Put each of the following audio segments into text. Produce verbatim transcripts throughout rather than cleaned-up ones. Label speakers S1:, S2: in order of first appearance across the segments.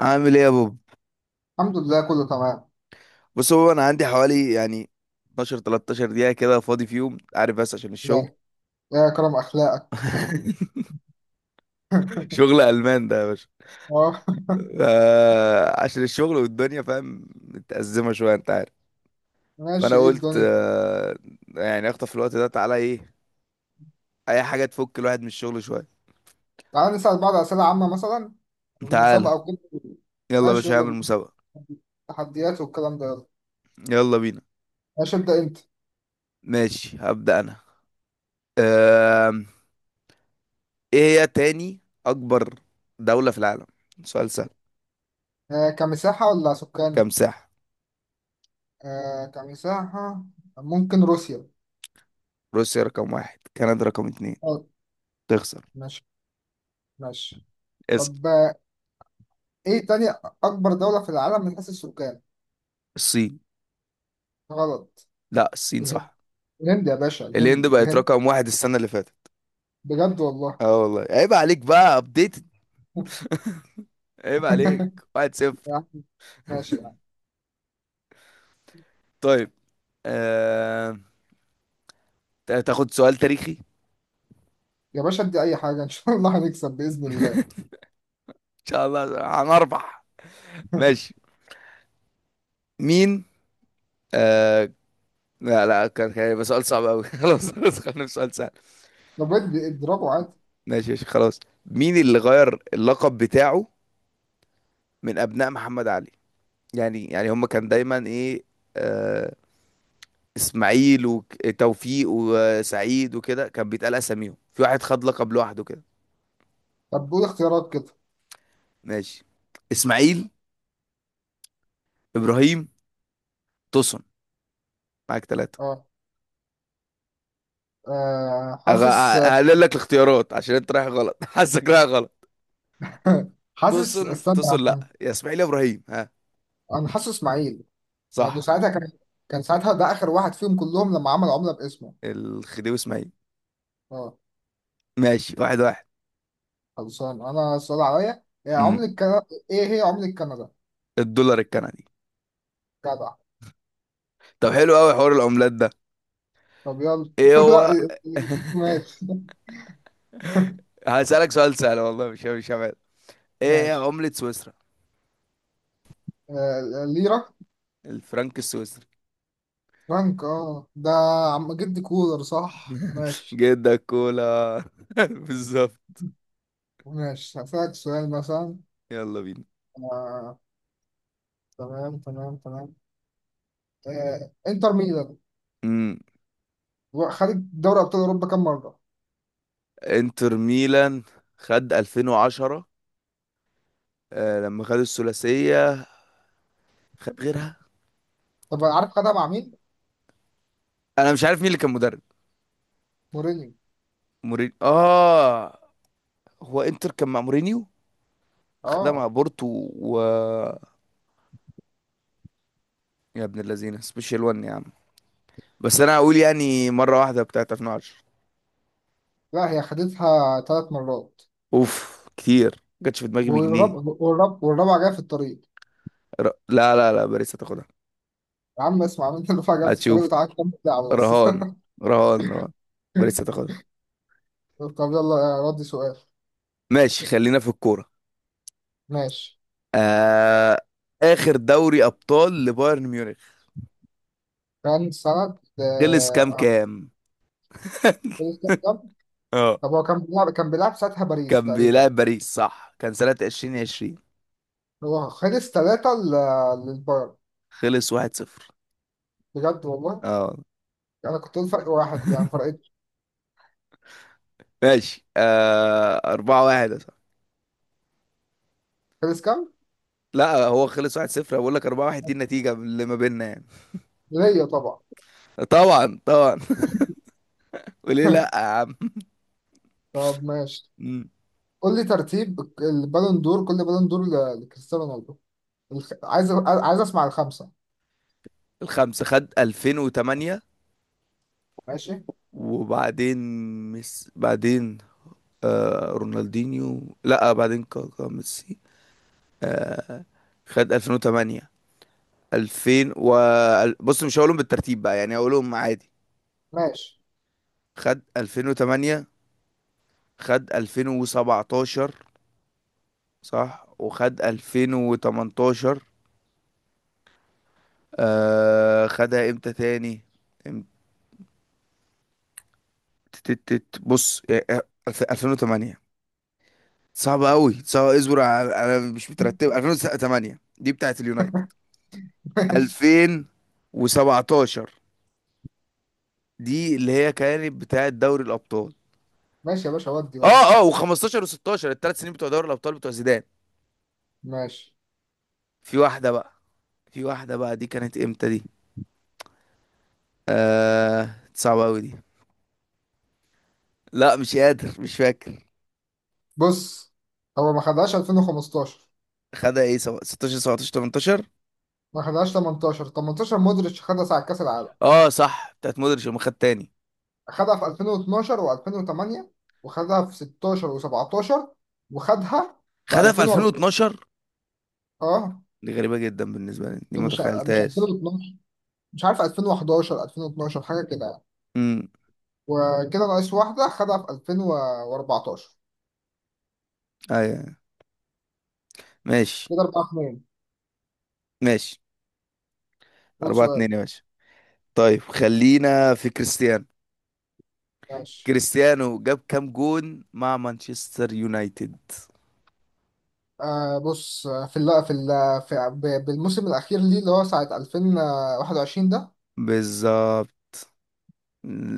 S1: عامل ايه يا بوب؟
S2: الحمد لله كله تمام.
S1: بص هو انا عندي حوالي يعني اثنا عشر 13 دقيقه كده فاضي فيهم، عارف، بس عشان الشغل.
S2: يا يا كرم اخلاقك.
S1: شغل المان ده يا باشا.
S2: اه.
S1: آه، عشان الشغل والدنيا، فاهم، متأزمه شويه انت عارف. فانا
S2: ماشي، ايه
S1: قلت
S2: الدنيا؟
S1: آه، يعني اخطف الوقت ده، تعالى ايه؟ اي حاجه تفك الواحد من الشغل شويه.
S2: تعال نسأل بعض اسئله عامه، مثلا
S1: تعالى.
S2: مسابقه وكده.
S1: يلا يا
S2: ماشي،
S1: باشا
S2: يلا
S1: هعمل
S2: بينا.
S1: مسابقه.
S2: تحديات والكلام ده، يلا.
S1: يلا بينا.
S2: ماشي، ابدا انت.
S1: ماشي هبدأ انا. آم، ايه هي تاني اكبر دوله في العالم؟ سؤال سهل.
S2: آه، كمساحه ولا سكان؟
S1: كم ساحه.
S2: آه كمساحه. ممكن روسيا.
S1: روسيا رقم واحد، كندا رقم اتنين.
S2: اه.
S1: تخسر.
S2: ماشي ماشي.
S1: اسأل.
S2: طب، آه، ايه تاني اكبر دوله في العالم من حيث السكان؟
S1: الصين.
S2: غلط.
S1: لا الصين
S2: الهند.
S1: صح.
S2: الهند يا باشا،
S1: الهند
S2: الهند
S1: بقت
S2: الهند
S1: رقم واحد السنة اللي فاتت.
S2: بجد والله؟
S1: اه والله عيب عليك بقى، ابديتد. عيب عليك. واحد صفر.
S2: يا عم، ماشي.
S1: طيب. آه... تاخد سؤال تاريخي؟
S2: يا باشا ادي اي حاجه، ان شاء الله هنكسب باذن الله.
S1: ان شاء الله هنربح. ماشي. مين؟ آه... لا لا، كان كان هيبقى سؤال صعب قوي. خلاص خلاص خلينا في سؤال سهل.
S2: طب ادي اضربه عادي.
S1: ماشي ماشي خلاص. مين اللي غير اللقب بتاعه من ابناء محمد علي؟ يعني يعني هم كان دايما ايه، آه، اسماعيل وتوفيق وسعيد وكده، كان بيتقال اساميهم، في واحد خد لقب لوحده كده.
S2: طب قول اختيارات كده.
S1: ماشي. اسماعيل. ابراهيم. توسن. معاك ثلاثة.
S2: اه. آه، حاسس.
S1: هقلل لك الاختيارات عشان انت رايح غلط. حاسك رايح غلط.
S2: حاسس
S1: توسن
S2: استنى.
S1: توسن؟ لا، يا اسماعيل يا ابراهيم، ها؟
S2: انا حاسس اسماعيل، لانه
S1: صح.
S2: ساعتها كان كان ساعتها ده اخر واحد فيهم كلهم، لما عمل عمله باسمه.
S1: الخديوي اسماعيل.
S2: اه.
S1: ماشي واحد واحد.
S2: خلصان انا. السؤال عليا: إيه
S1: امم.
S2: عملة كندا؟ ايه هي عملة كندا؟
S1: الدولار الكندي.
S2: جدع.
S1: طب حلو قوي حوار العملات ده.
S2: طب يلا
S1: ايه هو؟
S2: لا. ماشي
S1: هسألك سؤال سهل والله، مش مش هبعد. ايه هي
S2: ماشي.
S1: عملة سويسرا؟
S2: آه، ليرة.
S1: الفرنك السويسري.
S2: فرانك، اه ده عم جد كولر، صح؟ ماشي.
S1: جدك كولا. بالظبط.
S2: ماشي، هسألك سؤال مثلا.
S1: يلا بينا.
S2: آه. تمام تمام تمام. آه. انتر ميلان
S1: امم.
S2: خدت دوري ابطال اوروبا كام مره؟
S1: انتر ميلان خد ألفين وعشرة، آه لما خد الثلاثية. خد غيرها.
S2: طب عارف خدها مع مين؟
S1: انا مش عارف مين اللي كان مدرب.
S2: مورينيو.
S1: مورينيو. اه. هو انتر كان مع مورينيو. خدها مع
S2: اه.
S1: بورتو و يا ابن اللذينه، سبيشال واحد يا عم. بس انا هقول يعني مرة واحدة بتاعت ألفين وعشرة.
S2: لا، هي خدتها ثلاث مرات.
S1: اوف كتير ما جاتش في دماغي بجنيه.
S2: والرب... والرب... والرابعه جايه في الطريق.
S1: ر... لا لا لا، باريس هتاخدها.
S2: يا عم اسمع انت الرابعه جايه في الطريق،
S1: هتشوف.
S2: وتعالى كمل لعب بس.
S1: رهان. رهان رهان. باريس هتاخدها.
S2: طب يلا ردي سؤال.
S1: ماشي، خلينا في الكورة.
S2: ماشي.
S1: آه... آخر دوري أبطال لبايرن ميونخ
S2: كان سنة
S1: خلص كام
S2: آه،
S1: كام.
S2: كام؟
S1: اه
S2: طب هو كان بيلعب كان بيلعب ساعتها باريس
S1: كان
S2: تقريبا.
S1: بيلعب باريس، صح، كان سنة ألفين وعشرين.
S2: هو خلص ثلاثة للبايرن.
S1: خلص واحد صفر.
S2: بجد والله؟
S1: اه.
S2: انا كنت قلت فرق واحد، يعني فرقت.
S1: ماشي آه... أربعه واحد يا صاحبي.
S2: خلص كام؟
S1: لا هو خلص واحد صفر. بقول لك أربعه واحد دي النتيجة اللي ما بيننا يعني.
S2: ليا طبعا.
S1: طبعا طبعا. وليه لا يا عم.
S2: طب ماشي.
S1: مم.
S2: قول لي ترتيب البالون دور، كل بالون دور ل- لكريستيانو رونالدو. الخ... عايز عايز اسمع الخمسه.
S1: الخمسة خد ألفين وتمانيه،
S2: ماشي
S1: وبعدين مس... بعدين آه رونالدينيو، لا بعدين كاكا ميسي. آه، خد ألفين وتمانيه، ألفين و بص مش هقولهم بالترتيب بقى، يعني هقولهم عادي.
S2: ماشي.
S1: خد ألفين وتمانيه، خد ألفين وسبعتاشر، صح وخد ألفين وتمنتاشر. آه خدها امتى تاني؟ امت- تت- تت- بص يعني، آه، الف- ألفين وتمانيه. صعبة قوي صعبة، اصبر على- انا مش مترتب. ألفين وتمانيه دي بتاعت اليونايتد.
S2: ماشي
S1: ألفين وسبعتاشر دي اللي هي كانت بتاعت دوري الابطال.
S2: ماشي. يا باشا ودي ودي.
S1: اه اه، وخمستاشر وستاشر الثلاث سنين بتوع دوري الابطال بتوع زيدان.
S2: ماشي،
S1: في واحده بقى في واحده بقى، دي كانت امتى دي؟ آه صعبه قوي دي. لا مش قادر مش فاكر.
S2: بص هو ما خدهاش ألفين وخمستاشر،
S1: خدها ايه، سوا- ستاشر سبعتاشر تمنتاشر.
S2: ما خدهاش تمنتاشر. تمنتاشر مودريتش خدها ساعة كأس العالم.
S1: اه صح، بتاعت مودريتش لما خد تاني.
S2: خدها في ألفين واتناشر و2008، وخدها في ستاشر و17، وخدها في
S1: خدها في
S2: ألفين وأربعة.
S1: ألفين واتناشر.
S2: اه.
S1: دي غريبه جدا بالنسبه لي، دي ما
S2: مش مش
S1: تخيلتهاش.
S2: ألفين واتناشر، مش عارف ألفين وحداشر ألفين واتناشر، حاجه كده يعني.
S1: امم.
S2: وكده ناقص واحده، خدها في ألفين وأربعتاشر.
S1: ايوه، أيوة. ماشي.
S2: كده أربعة اتنين.
S1: ماشي
S2: قول
S1: أربعه
S2: سؤال.
S1: اتنين يا باشا. طيب خلينا في كريستيانو.
S2: ماشي.
S1: كريستيانو جاب كام جون مع مانشستر يونايتد؟
S2: آه بص، آه، في ال في ال في ب- بالموسم الاخير ليه، اللي هو ساعه ألفين وواحد وعشرين ده.
S1: بالظبط،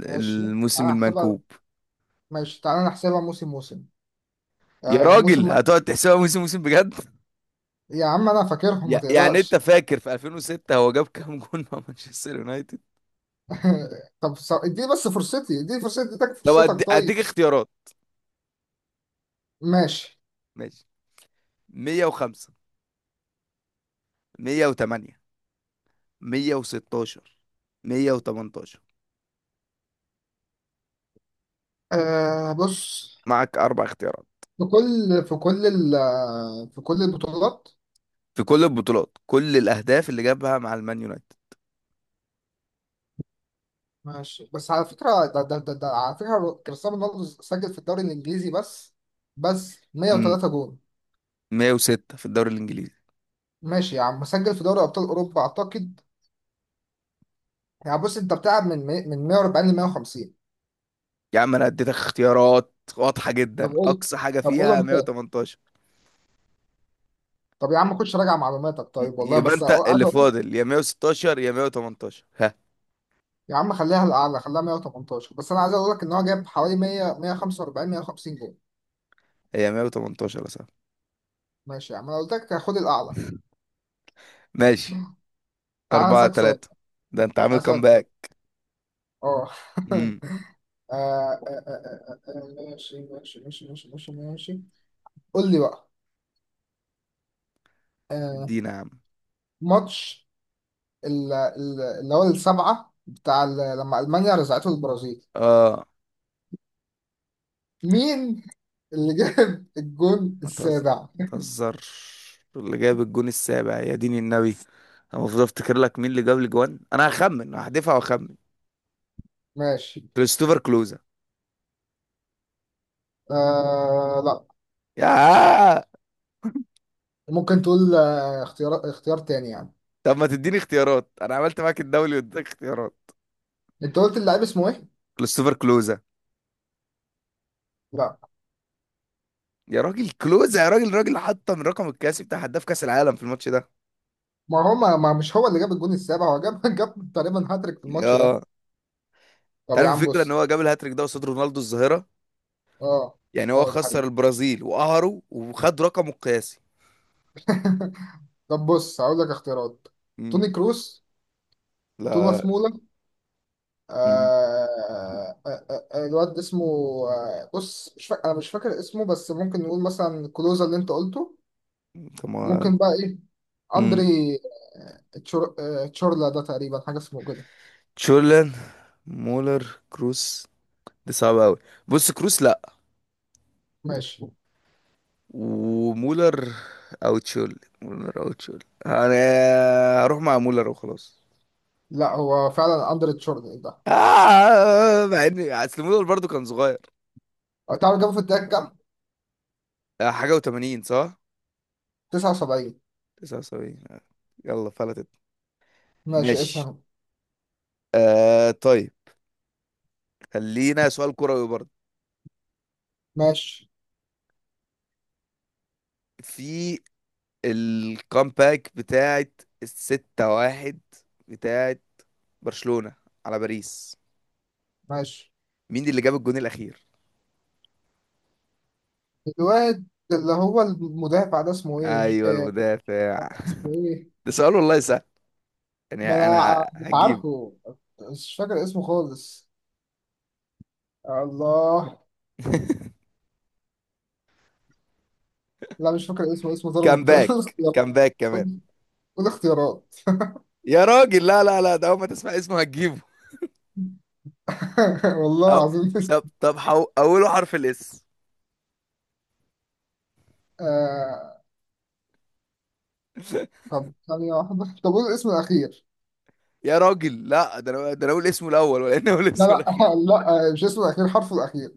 S2: ماشي،
S1: الموسم
S2: تعالى نحسبها.
S1: المنكوب.
S2: ماشي، تعالى نحسبها موسم موسم.
S1: يا
S2: آه موسم
S1: راجل
S2: مت...
S1: هتقعد تحسبها موسم موسم بجد؟
S2: يا عم انا فاكرهم، ما
S1: يع- يعني انت
S2: تقلقش.
S1: فاكر في ألفين وستة هو جاب كام جون مع مانشستر يونايتد.
S2: طب س- اديني بس فرصتي، اديني فرصتي اديك
S1: طب أدي-
S2: فرصتك،
S1: اديك
S2: طيب.
S1: اختيارات.
S2: ماشي.
S1: ماشي. مائة وخمسة، ميه وتمانيه، ميه وستاشر، مائة وثمانية عشر.
S2: آه بص،
S1: معك اربع اختيارات،
S2: في كل في كل ال في كل البطولات.
S1: في كل البطولات، كل الاهداف اللي جابها مع المان يونايتد.
S2: ماشي، بس على فكرة ده ده ده, ده على فكرة، كريستيانو رونالدو سجل في الدوري الإنجليزي بس، بس
S1: امم.
S2: مية وتلاتة جول.
S1: ميه وستة في الدوري الانجليزي.
S2: ماشي يا عم، مسجل في دوري أبطال أوروبا أعتقد. يعني بص، أنت بتلعب من مي- من مية وأربعين ل مية وخمسين.
S1: يا عم انا اديتك اختيارات واضحة
S2: طب
S1: جدا،
S2: قول
S1: اقصى حاجة
S2: طب قول
S1: فيها
S2: أنت.
S1: ميه وتمنتاشر.
S2: طب يا عم خش راجع معلوماتك
S1: ي-
S2: طيب، والله
S1: يبقى
S2: بس
S1: انت
S2: أقول- عايز
S1: اللي
S2: أقول لك-
S1: فاضل يا ميه وستاشر يا ميه وتمنتاشر، ها؟
S2: يا عم خليها الأعلى، خليها مية وتمنتاشر، بس أنا عايز أقول لك إن هو جاب حوالي مية مية وخمسة وأربعين مية وخمسين جول.
S1: هي ميه وتمنتاشر يا صاحبي.
S2: ماشي يا عم، أنا قلت لك خد الأعلى.
S1: ماشي.
S2: تعالى
S1: أربعه
S2: أسألك سؤال.
S1: تلاته، ده انت عامل
S2: تعالى أسألك سؤال
S1: كامباك.
S2: أه.
S1: امم.
S2: آه آه آه آه آه، آه، ماشي ماشي ماشي ماشي ماشي ماشي. قول لي بقى. آه
S1: ادينا يا عم.
S2: ماتش ال- ال- اللي هو السبعة، بتاع ال- لما ألمانيا رزعته البرازيل،
S1: اه.
S2: مين اللي جاب الجون
S1: ما تهزر
S2: السابع؟
S1: ما تهزرش. اللي جاب الجون السابع يا دين النبي. انا المفروض افتكر لك مين اللي جاب الجوان. انا هخمن، هحدفها واخمن.
S2: ماشي.
S1: كريستوفر كلوزا.
S2: آه لا.
S1: يا.
S2: ممكن تقول آه اختيار اختيار تاني يعني؟
S1: طب ما تديني اختيارات، انا عملت معاك الدولي واديتك اختيارات.
S2: انت قلت اللاعب اسمه ايه؟
S1: كريستوفر كلوزا.
S2: لا.
S1: يا راجل كلوزا، يا راجل راجل حطم رقم القياسي بتاع هداف كاس العالم في الماتش ده.
S2: ما هو ما, ما مش هو اللي جاب الجون السابع، هو جاب جاب تقريبا هاتريك في الماتش ده.
S1: اه. انت
S2: طب يا
S1: عارف
S2: عم
S1: الفكره ان
S2: بص.
S1: هو جاب الهاتريك ده قصاد رونالدو الظاهره.
S2: اه
S1: يعني هو
S2: اه. ده
S1: خسر
S2: حقيقي.
S1: البرازيل وقهره وخد رقمه القياسي.
S2: طب بص، هقول لك اختيارات.
S1: مم.
S2: توني كروس.
S1: لا.
S2: توماس مولا.
S1: مم.
S2: آه آه آه آه الواد اسمه آه بص، مش فاكر، انا مش فاكر اسمه، بس ممكن نقول مثلا كلوزا اللي انت قلته.
S1: طب ما.
S2: ممكن بقى ايه. اندري،
S1: مم.
S2: آه، تشور... آه تشورلا ده، تقريبا حاجه اسمه كده.
S1: تشولن. مولر. كروس. دي صعبه قوي. بص كروس لا.
S2: ماشي،
S1: ومولر. او تشول مولر او تشول انا هروح مع مولر وخلاص.
S2: لا هو فعلا اندري تشورلا، إيه ده.
S1: آه مع ان اصل مولر برضو كان صغير.
S2: آه، تعرف جابه في الدقيقه كام؟
S1: آه، حاجه وتمانين صح.
S2: تسعة وسبعين.
S1: تسعه وسبعين. يلا فلتت.
S2: ماشي،
S1: ماشي.
S2: اسهم.
S1: آه، طيب. خلينا سؤال كروي برضه.
S2: ماشي
S1: في الكامباك بتاعت الستة واحد، بتاعت برشلونة على باريس،
S2: ماشي.
S1: مين اللي جاب الجون الأخير؟
S2: الواد اللي هو المدافع ده اسمه ايه،
S1: أيوه
S2: آه
S1: المدافع.
S2: اسمه ايه؟
S1: ده سؤال والله سهل، يعني
S2: ما انا ع-
S1: أنا
S2: مش
S1: هجيبه.
S2: عارفه. مش فاكر اسمه خالص. الله. لا مش فاكر اسمه، اسمه ظلمت. قول.
S1: كامباك
S2: اختيارات.
S1: كامباك. كمان.
S2: قول. قول اختيارات.
S1: يا راجل لا لا لا، ده أول ما تسمع اسمه هتجيبه.
S2: والله
S1: أو...
S2: العظيم مش.
S1: طب طب، حو... أوله حرف الإس.
S2: آه... طب ثانية واحدة. طب قول الاسم الأخير.
S1: يا راجل لا، ده أنا ده أنا أقول اسمه الأول ولا أنا أقول
S2: لا
S1: اسمه الأخير؟
S2: لا لا، آه، مش اسمه الأخير، حرفه الأخير.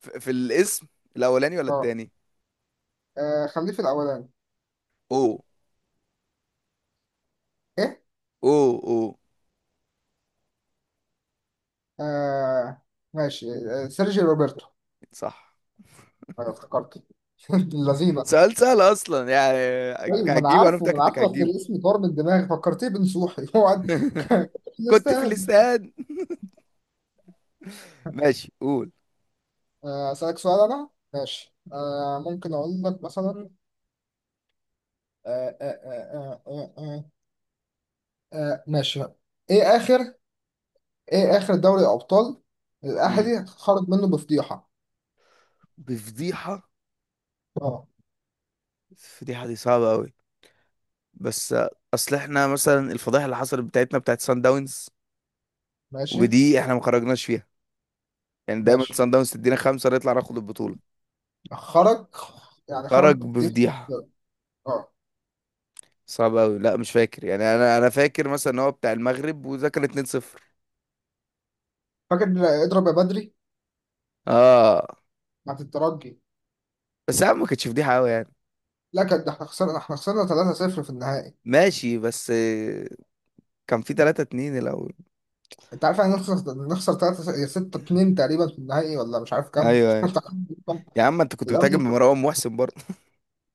S1: في في الاسم الأولاني ولا
S2: اه.
S1: التاني؟
S2: آه، خليه في الأولاني.
S1: او
S2: إيه؟
S1: اوه اوه.
S2: آه... ماشي، آه... سيرجي روبرتو.
S1: صح.
S2: أنا افتكرته. اللذينة.
S1: سؤال سهل اصلا يعني.
S2: أيوة، ما أنا
S1: هتجيبه، انا
S2: عارفه، ما
S1: متاكد
S2: أنا
S1: انك
S2: عارفه بس
S1: هتجيبه.
S2: الاسم طار من دماغي، فكرتيه بنصوحي. هو قاعد-
S1: كنت في
S2: يستاهل.
S1: الاستاد. ماشي قول.
S2: آه، أسألك سؤال أنا، ماشي، آه، ممكن أقول لك مثلا، آه، آه، آه، آه، آه، آه، آه، ماشي. إيه آخر إيه آخر دوري أبطال
S1: مم.
S2: الأهلي خرج منه بفضيحة؟
S1: بفضيحه.
S2: أه.
S1: الفضيحه دي صعبه قوي، بس اصل احنا مثلا الفضيحه اللي حصلت بتاعتنا بتاعت سان داونز
S2: ماشي
S1: ودي احنا ما خرجناش فيها، يعني دايما
S2: ماشي.
S1: سان داونز تدينا خمسه نطلع ناخد البطوله.
S2: خرج، يعني خرج
S1: خرج
S2: بفضيحة.
S1: بفضيحه.
S2: أه.
S1: صعب قوي، لا مش فاكر يعني. انا انا فاكر مثلا ان هو بتاع المغرب، وده كان اتنين صفر.
S2: فاكر، اضرب يا بدري.
S1: اه.
S2: بتاعت الترجي.
S1: بس يا عم ما كانتش فضيحه قوي يعني.
S2: لا كان ده، احنا خسرنا، احنا خسرنا تلاتة صفر في النهائي.
S1: ماشي بس كان في تلاته اتنين الاول.
S2: انت عارف يعني إيه نخسر، نخسر تلاتة ستة اتنين تقريبا في النهائي، ولا مش عارف كام
S1: ايوه ايوه.
S2: انت عارف. كام؟
S1: يا عم انت كنت بتهاجم
S2: الاهلي.
S1: بمروان محسن برضه.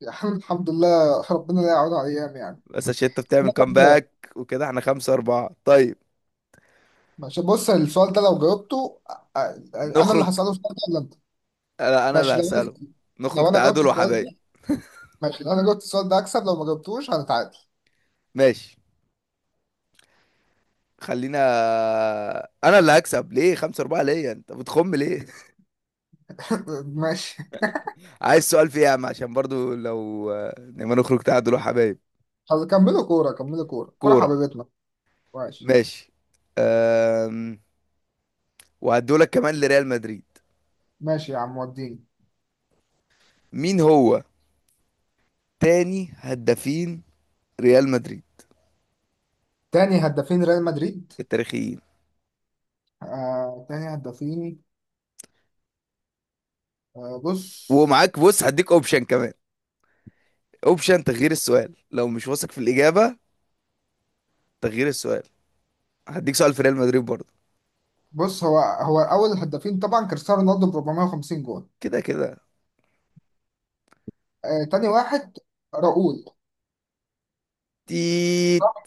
S2: يعني الحمد لله، ربنا لا يعود على الايام يعني.
S1: بس عشان انت بتعمل
S2: لا، طب كده.
S1: كامباك وكده، احنا خمسه أربعه. طيب
S2: ماشي، بص السؤال ده لو جاوبته أ- انا اللي
S1: نخرج.
S2: هسأله السؤال ده ولا انت؟
S1: انا انا اللي
S2: ماشي لو انا،
S1: هسأله. نخرج
S2: لو انا جاوبت
S1: تعادل
S2: السؤال
S1: وحبايب.
S2: ده. ماشي، لو انا جاوبت السؤال ده اكسب، لو ما جاوبتوش هنتعادل.
S1: ماشي خلينا. انا اللي هكسب، ليه خمسه أربعه؟ ليه انت بتخم ليه؟
S2: ماشي.
S1: عايز سؤال فيه يا عم، عشان برضو لو، لما نخرج تعادل وحبايب.
S2: طب كملوا كورة، كملوا كورة كورة
S1: كورة.
S2: حبيبتنا. ماشي
S1: ماشي. أم... وهدولك كمان لريال مدريد.
S2: ماشي. يا عم، وديني.
S1: مين هو تاني هدافين ريال مدريد
S2: تاني هدافين ريال مدريد؟
S1: التاريخيين؟
S2: آه تاني هدافين. آه بص.
S1: ومعاك، بص، هديك اوبشن كمان، اوبشن تغيير السؤال لو مش واثق في الإجابة. تغيير السؤال، هديك سؤال في ريال مدريد برضه.
S2: بص هو هو اول هدافين طبعا كريستيانو رونالدو ب أربعمية وخمسين جول.
S1: كده كده.
S2: آه تاني واحد، راؤول.
S1: تيت.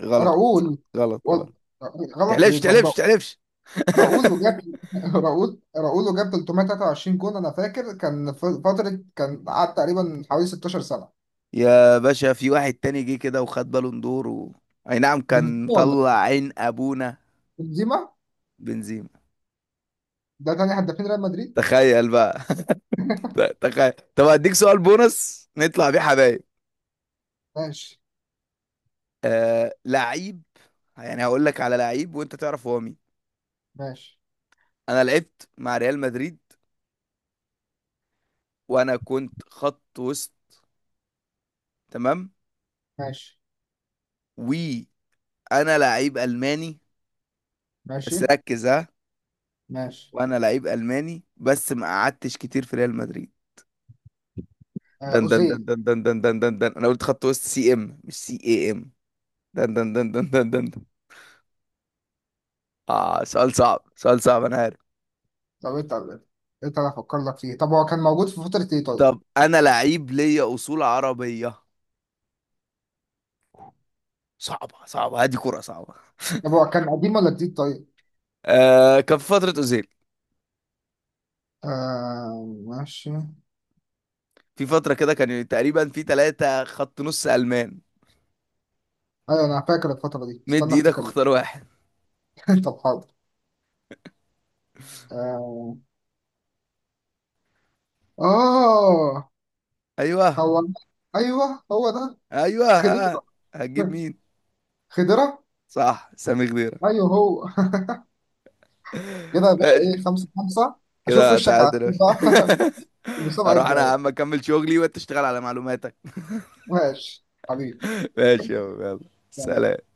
S1: غلط.
S2: راؤول
S1: غلط
S2: و-
S1: غلط.
S2: غلط
S1: تحلفش
S2: ليه؟ طب
S1: تحلفش
S2: را-
S1: تحلفش.
S2: راؤول وجاب راؤول راؤول وجاب تلتمية وتلاتة وعشرين جون. انا فاكر كان ف- فترة، كان قعد تقريبا حوالي ستة عشر سنة.
S1: يا باشا في واحد تاني جه كده وخد بالون دور و... اي نعم،
S2: بنزيما
S1: كان
S2: ولا
S1: طلع
S2: إيه؟
S1: عين ابونا.
S2: بنزيما.
S1: بنزيما.
S2: ده تاني هدافين ريال مدريد.
S1: تخيل بقى. ت- تخيل. طب هديك سؤال بونص نطلع بيه حبايب.
S2: ماشي
S1: آه... لعيب. يعني هقول لك على لعيب وانت تعرف هو مين.
S2: ماشي
S1: انا لعبت مع ريال مدريد وانا كنت خط وسط، تمام.
S2: ماشي
S1: وانا لعيب الماني،
S2: ماشي
S1: بس ركز ها.
S2: ماشي.
S1: وانا لعيب الماني بس ما قعدتش كتير في ريال مدريد.
S2: آه
S1: دن دن دن
S2: أوزيل.
S1: دن دن دن دن دن دن. انا قلت خط وسط سي ام مش سي اي ام. دن دن دن دن دن دن دن. اه سؤال صعب سؤال صعب انا عارف.
S2: طب انت، انت انا افكر لك فيه. طب هو كان موجود في فترة ايه طيب؟
S1: طب انا لعيب ليا اصول عربيه. صعبه صعبه، هذه كرة صعبه.
S2: طب هو كان قديم ولا جديد طيب؟
S1: آه كان في فتره اوزيل.
S2: آه ماشي.
S1: في فتره كده، كان تقريبا في ثلاثه خط نص المان.
S2: ايوه انا فاكر الفترة دي،
S1: مد
S2: استنى
S1: ايدك
S2: افتكر لك.
S1: واختار واحد.
S2: طب حاضر. آه آه
S1: ايوه
S2: هو، أيوه هو ده.
S1: ايوه ها.
S2: خضيرة.
S1: هتجيب مين؟
S2: خضيرة.
S1: صح، سامي خضيره.
S2: أيوه هو. كده يا باشا،
S1: ماشي.
S2: إيه، خمسة خمسة. أشوف
S1: كده
S2: وشك على
S1: تعادل يا
S2: خير
S1: باشا.
S2: بقى. في المسابقة
S1: اروح انا يا عم
S2: الجاية.
S1: اكمل شغلي، وانت تشتغل على معلوماتك.
S2: ماشي حبيبي.
S1: ماشي يا عم، يلا. سلام.